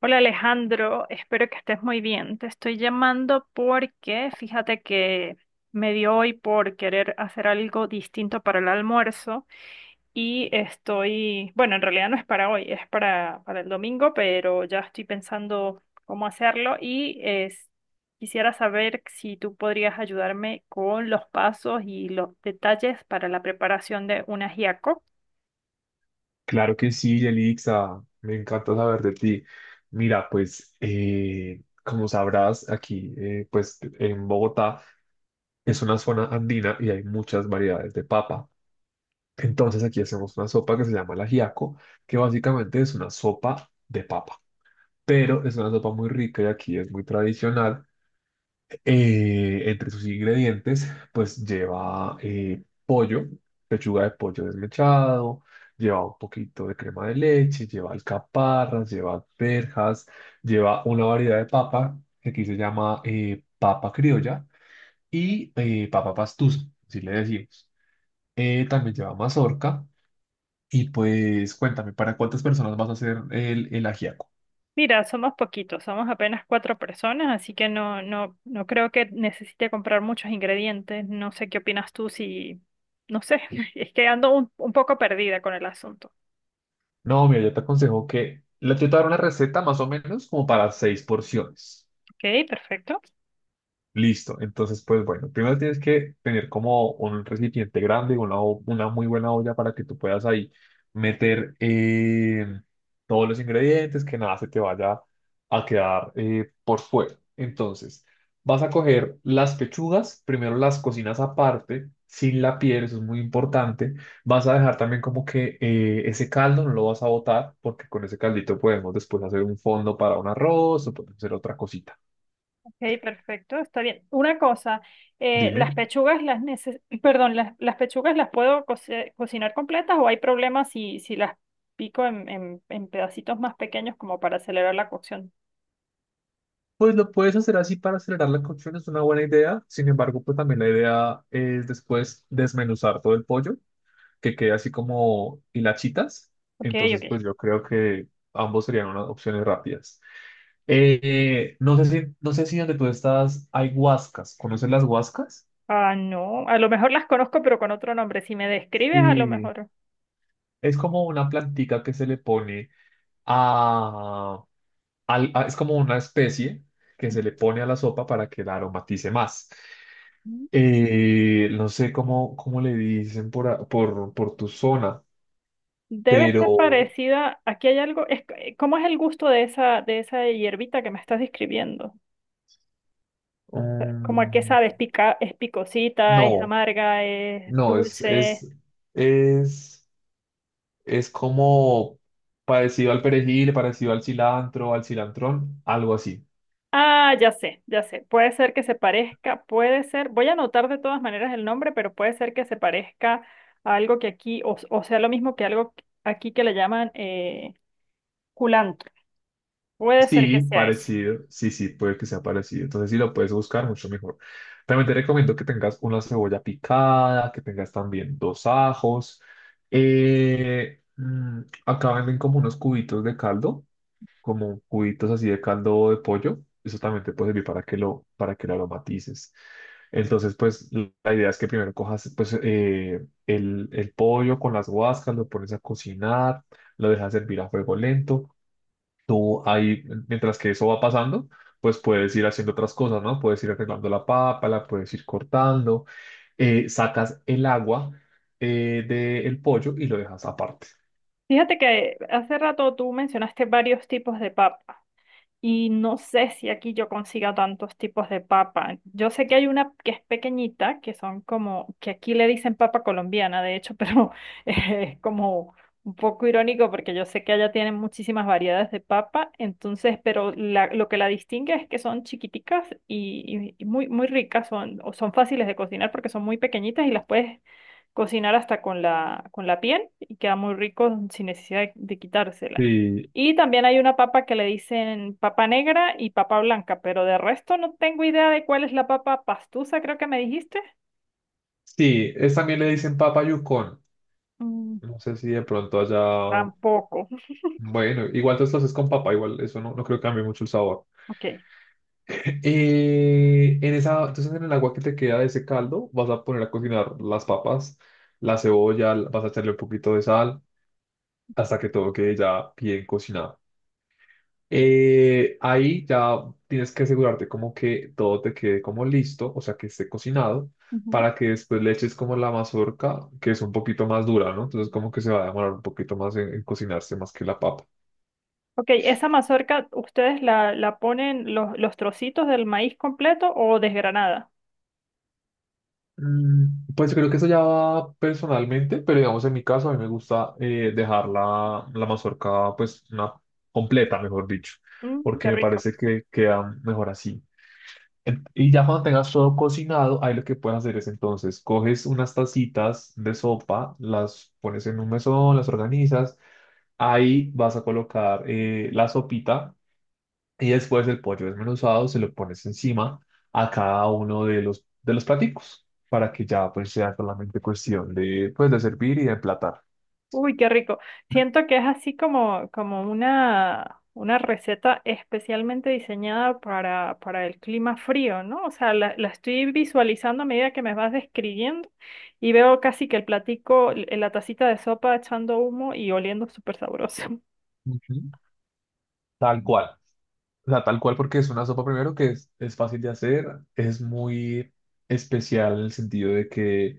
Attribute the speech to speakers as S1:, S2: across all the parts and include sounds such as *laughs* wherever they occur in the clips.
S1: Hola Alejandro, espero que estés muy bien. Te estoy llamando porque fíjate que me dio hoy por querer hacer algo distinto para el almuerzo y estoy, bueno, en realidad no es para hoy, es para el domingo, pero ya estoy pensando cómo hacerlo quisiera saber si tú podrías ayudarme con los pasos y los detalles para la preparación de un ajiaco.
S2: Claro que sí, Yelixa, me encanta saber de ti. Mira, pues como sabrás, aquí pues en Bogotá es una zona andina y hay muchas variedades de papa. Entonces aquí hacemos una sopa que se llama el ajiaco, que básicamente es una sopa de papa, pero es una sopa muy rica y aquí es muy tradicional. Entre sus ingredientes, pues lleva pollo, pechuga de pollo desmechado, lleva un poquito de crema de leche, lleva alcaparras, lleva verjas, lleva una variedad de papa que aquí se llama papa criolla y papa pastusa, así le decimos. También lleva mazorca y pues cuéntame, ¿para cuántas personas vas a hacer el ajiaco?
S1: Mira, somos poquitos, somos apenas 4 personas, así que no, no, no creo que necesite comprar muchos ingredientes. No sé qué opinas tú si, no sé, *laughs* es que ando un poco perdida con el asunto.
S2: No, mira, yo te aconsejo que, yo te voy una receta más o menos como para seis porciones.
S1: Ok, perfecto.
S2: Listo. Entonces, pues bueno, primero tienes que tener como un recipiente grande, una, una muy buena olla para que tú puedas ahí meter todos los ingredientes, que nada se te vaya a quedar por fuera. Entonces, vas a coger las pechugas, primero las cocinas aparte, sin la piel, eso es muy importante. Vas a dejar también como que ese caldo no lo vas a botar, porque con ese caldito podemos después hacer un fondo para un arroz o podemos hacer otra cosita.
S1: Ok, perfecto, está bien. Una cosa, las
S2: Dime.
S1: pechugas las neces- *clears throat* perdón, las pechugas las puedo cocinar completas o hay problemas si, si las pico en pedacitos más pequeños como para acelerar la cocción.
S2: Pues lo puedes hacer así para acelerar la cocción, es una buena idea. Sin embargo, pues también la idea es después desmenuzar todo el pollo, que quede así como hilachitas.
S1: Ok,
S2: Entonces,
S1: ok.
S2: pues yo creo que ambos serían unas opciones rápidas. No sé si donde tú estás hay guascas. ¿Conoces las guascas?
S1: Ah, no, a lo mejor las conozco, pero con otro nombre. Si me describes, a lo
S2: Sí.
S1: mejor.
S2: Es como una plantica que se le pone a, es como una especie que se le pone a la sopa para que la aromatice más.
S1: Ujú.
S2: No sé cómo le dicen por, por tu zona,
S1: Debe ser
S2: pero
S1: parecida. Aquí hay algo. Es, ¿cómo es el gusto de esa hierbita que me estás describiendo? O sea, ¿cómo a qué
S2: mm,
S1: sabe? ¿Es, pica- es picosita? ¿Es
S2: no,
S1: amarga? ¿Es
S2: no, es,
S1: dulce?
S2: es, es, es como parecido al perejil, parecido al cilantro, al cilantrón, algo así.
S1: Ah, ya sé, ya sé. Puede ser que se parezca, puede ser. Voy a anotar de todas maneras el nombre, pero puede ser que se parezca a algo que aquí, o sea, lo mismo que algo aquí que le llaman culantro. Puede ser que
S2: Sí,
S1: sea eso.
S2: parecido, sí, sí, puede que sea parecido. Entonces, si lo puedes buscar, mucho mejor. También te recomiendo que tengas una cebolla picada, que tengas también dos ajos. Eh, mm, acá venden como unos cubitos de caldo. Como cubitos así de caldo de pollo. Eso también te puede servir para que lo aromatices. Entonces, pues la idea es que primero cojas pues, el pollo con las guascas, lo pones a cocinar, lo dejas servir a fuego lento. Tú ahí, mientras que eso va pasando, pues puedes ir haciendo otras cosas, ¿no? Puedes ir arreglando la papa, la puedes ir cortando, sacas el agua del pollo y lo dejas aparte.
S1: Fíjate que hace rato tú mencionaste varios tipos de papa. Y no sé si aquí yo consiga tantos tipos de papa. Yo sé que hay una que es pequeñita, que son como, que aquí le dicen papa colombiana, de hecho, *laughs* pero es como un poco irónico porque yo sé que allá tienen muchísimas variedades de papa, entonces, pero lo que la distingue es que son chiquiticas y, y muy, muy ricas, son, o son fáciles de cocinar porque son muy pequeñitas y las puedes cocinar hasta con la piel y queda muy rico sin necesidad de quitársela.
S2: Sí,
S1: Y también hay una papa que le dicen papa negra y papa blanca, pero de resto no tengo idea de cuál es la papa pastusa, creo que me dijiste.
S2: sí, es, también le dicen papa yucón.
S1: Mm.
S2: No sé si de pronto allá.
S1: Tampoco.
S2: Bueno, igual tú estás es con papa, igual eso no, no creo que cambie mucho el sabor.
S1: Ok.
S2: En esa, entonces en el agua que te queda de ese caldo, vas a poner a cocinar las papas, la cebolla, vas a echarle un poquito de sal hasta que todo quede ya bien cocinado. Ahí ya tienes que asegurarte como que todo te quede como listo, o sea que esté cocinado,
S1: Ujú.
S2: para que después le eches como la mazorca, que es un poquito más dura, ¿no? Entonces como que se va a demorar un poquito más en cocinarse más que la papa.
S1: Ok, esa mazorca, ¿ustedes la, la ponen los trocitos del maíz completo o desgranada?
S2: Pues creo que eso ya va personalmente, pero digamos en mi caso a mí me gusta dejar la, la mazorca pues una completa, mejor dicho,
S1: Mm,
S2: porque
S1: qué
S2: me
S1: rico.
S2: parece que queda mejor así. Y ya cuando tengas todo cocinado, ahí lo que puedes hacer es entonces coges unas tacitas de sopa, las pones en un mesón, las organizas, ahí vas a colocar la sopita y después el pollo desmenuzado se lo pones encima a cada uno de los platicos para que ya pues sea solamente cuestión de, pues, de servir y de emplatar.
S1: Uy, qué rico. Siento que es así como, como una receta especialmente diseñada para el clima frío, ¿no? O sea, la estoy visualizando a medida que me vas describiendo y veo casi que el platico, la tacita de sopa echando humo y oliendo súper sabroso.
S2: Ujú. Tal cual. O sea, tal cual porque es una sopa primero que es fácil de hacer, es muy especial en el sentido de que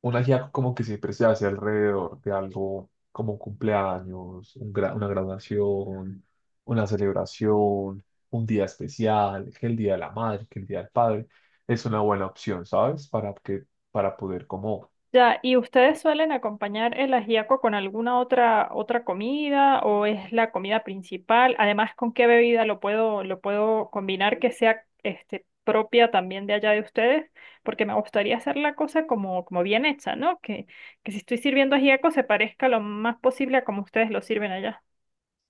S2: un ajiaco como que siempre se hace alrededor de algo como un cumpleaños, una graduación, una celebración, un día especial, que el día de la madre, que el día del padre, es una buena opción, ¿sabes? Para que, para poder como,
S1: Ya, ¿y ustedes suelen acompañar el ajiaco con alguna otra otra comida o es la comida principal? Además, ¿con qué bebida lo puedo combinar que sea este propia también de allá de ustedes? Porque me gustaría hacer la cosa como como bien hecha, ¿no? Que si estoy sirviendo ajiaco se parezca lo más posible a como ustedes lo sirven allá.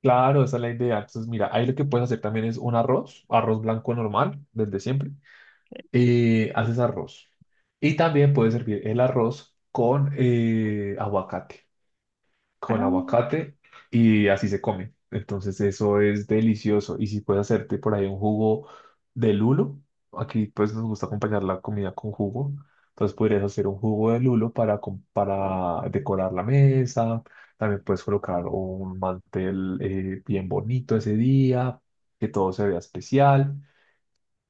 S2: claro, esa es la idea. Entonces, mira, ahí lo que puedes hacer también es un arroz, arroz blanco normal, desde siempre, haces arroz. Y también puedes servir el arroz con aguacate.
S1: Ah.
S2: Con aguacate y así se come. Entonces eso es delicioso. Y si puedes hacerte por ahí un jugo de lulo, aquí pues nos gusta acompañar la comida con jugo. Entonces podrías hacer un jugo de lulo para, para decorar la mesa. También puedes colocar un mantel bien bonito ese día, que todo se vea especial.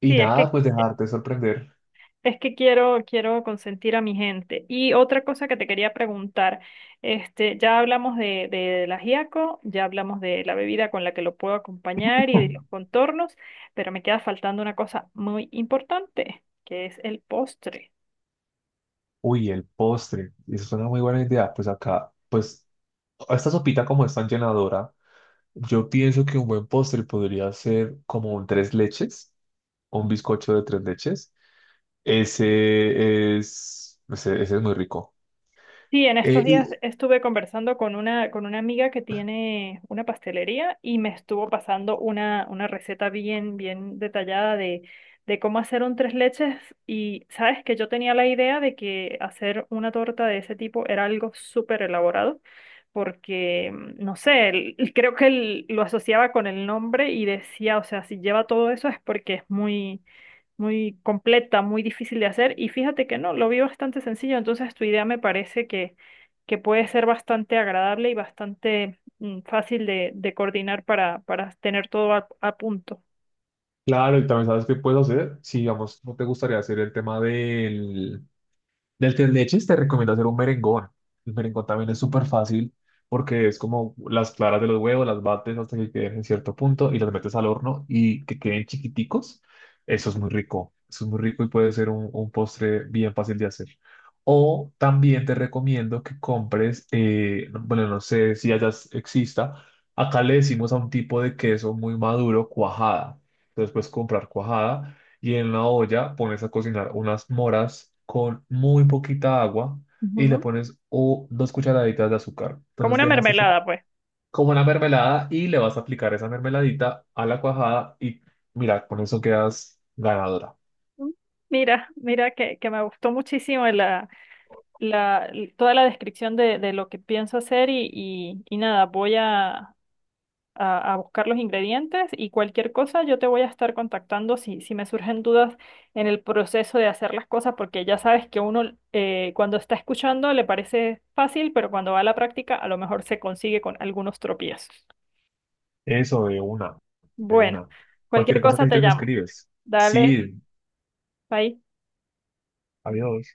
S2: Y
S1: Sí, es que.
S2: nada, pues dejarte sorprender. *laughs*
S1: Es que quiero, quiero consentir a mi gente. Y otra cosa que te quería preguntar, este, ya hablamos de la ajiaco, ya hablamos de la bebida con la que lo puedo acompañar y de los
S2: Hmm.
S1: contornos, pero me queda faltando una cosa muy importante, que es el postre.
S2: Uy, el postre. Eso es una muy buena idea. Pues acá, pues esta sopita como es tan llenadora, yo pienso que un buen postre podría ser como un tres leches, un bizcocho de tres leches. Ese es muy rico.
S1: Sí, en estos
S2: Eh,
S1: días
S2: y
S1: estuve conversando con una amiga que tiene una pastelería y me estuvo pasando una receta bien, bien detallada de cómo hacer un tres leches y sabes que yo tenía la idea de que hacer una torta de ese tipo era algo súper elaborado porque, mm, no sé, *laughs* creo que lo asociaba con el nombre y decía, o sea, si lleva todo eso es porque es muy muy completa, muy difícil de hacer. Y fíjate que no, lo vi bastante sencillo, entonces tu idea me parece que puede ser bastante agradable y bastante mm, fácil de coordinar para tener todo a punto.
S2: claro, y también sabes qué puedes hacer. Si, digamos, no te gustaría hacer el tema del, del tres leches te recomiendo hacer un merengón. El merengón también es súper fácil porque es como las claras de los huevos, las bates hasta que queden en cierto punto y las metes al horno y que queden chiquiticos. Eso es muy rico. Eso es muy rico y puede ser un postre bien fácil de hacer. O también te recomiendo que compres, bueno, no sé si allá exista, acá le decimos a un tipo de queso muy maduro, cuajada. Entonces puedes comprar cuajada y en la olla pones a cocinar unas moras con muy poquita agua y le
S1: Ujú.
S2: pones o dos cucharaditas de azúcar.
S1: Como
S2: Entonces
S1: una
S2: dejas eso
S1: mermelada, pues.
S2: como una mermelada y le vas a aplicar esa mermeladita a la cuajada y mira, con eso quedas ganadora.
S1: Mm. Mira, mira que me gustó muchísimo la, la, toda la descripción de lo que pienso hacer y nada, voy a buscar los ingredientes y cualquier cosa yo te voy a estar contactando si, si me surgen dudas en el proceso de hacer las cosas, porque ya sabes que uno cuando está escuchando le parece fácil, pero cuando va a la práctica a lo mejor se consigue con algunos tropiezos.
S2: Eso de una, de
S1: Bueno,
S2: una.
S1: cualquier
S2: Cualquier cosa que
S1: cosa te
S2: necesites me
S1: llamo.
S2: escribes.
S1: Dale,
S2: Sí,
S1: bye.
S2: adiós.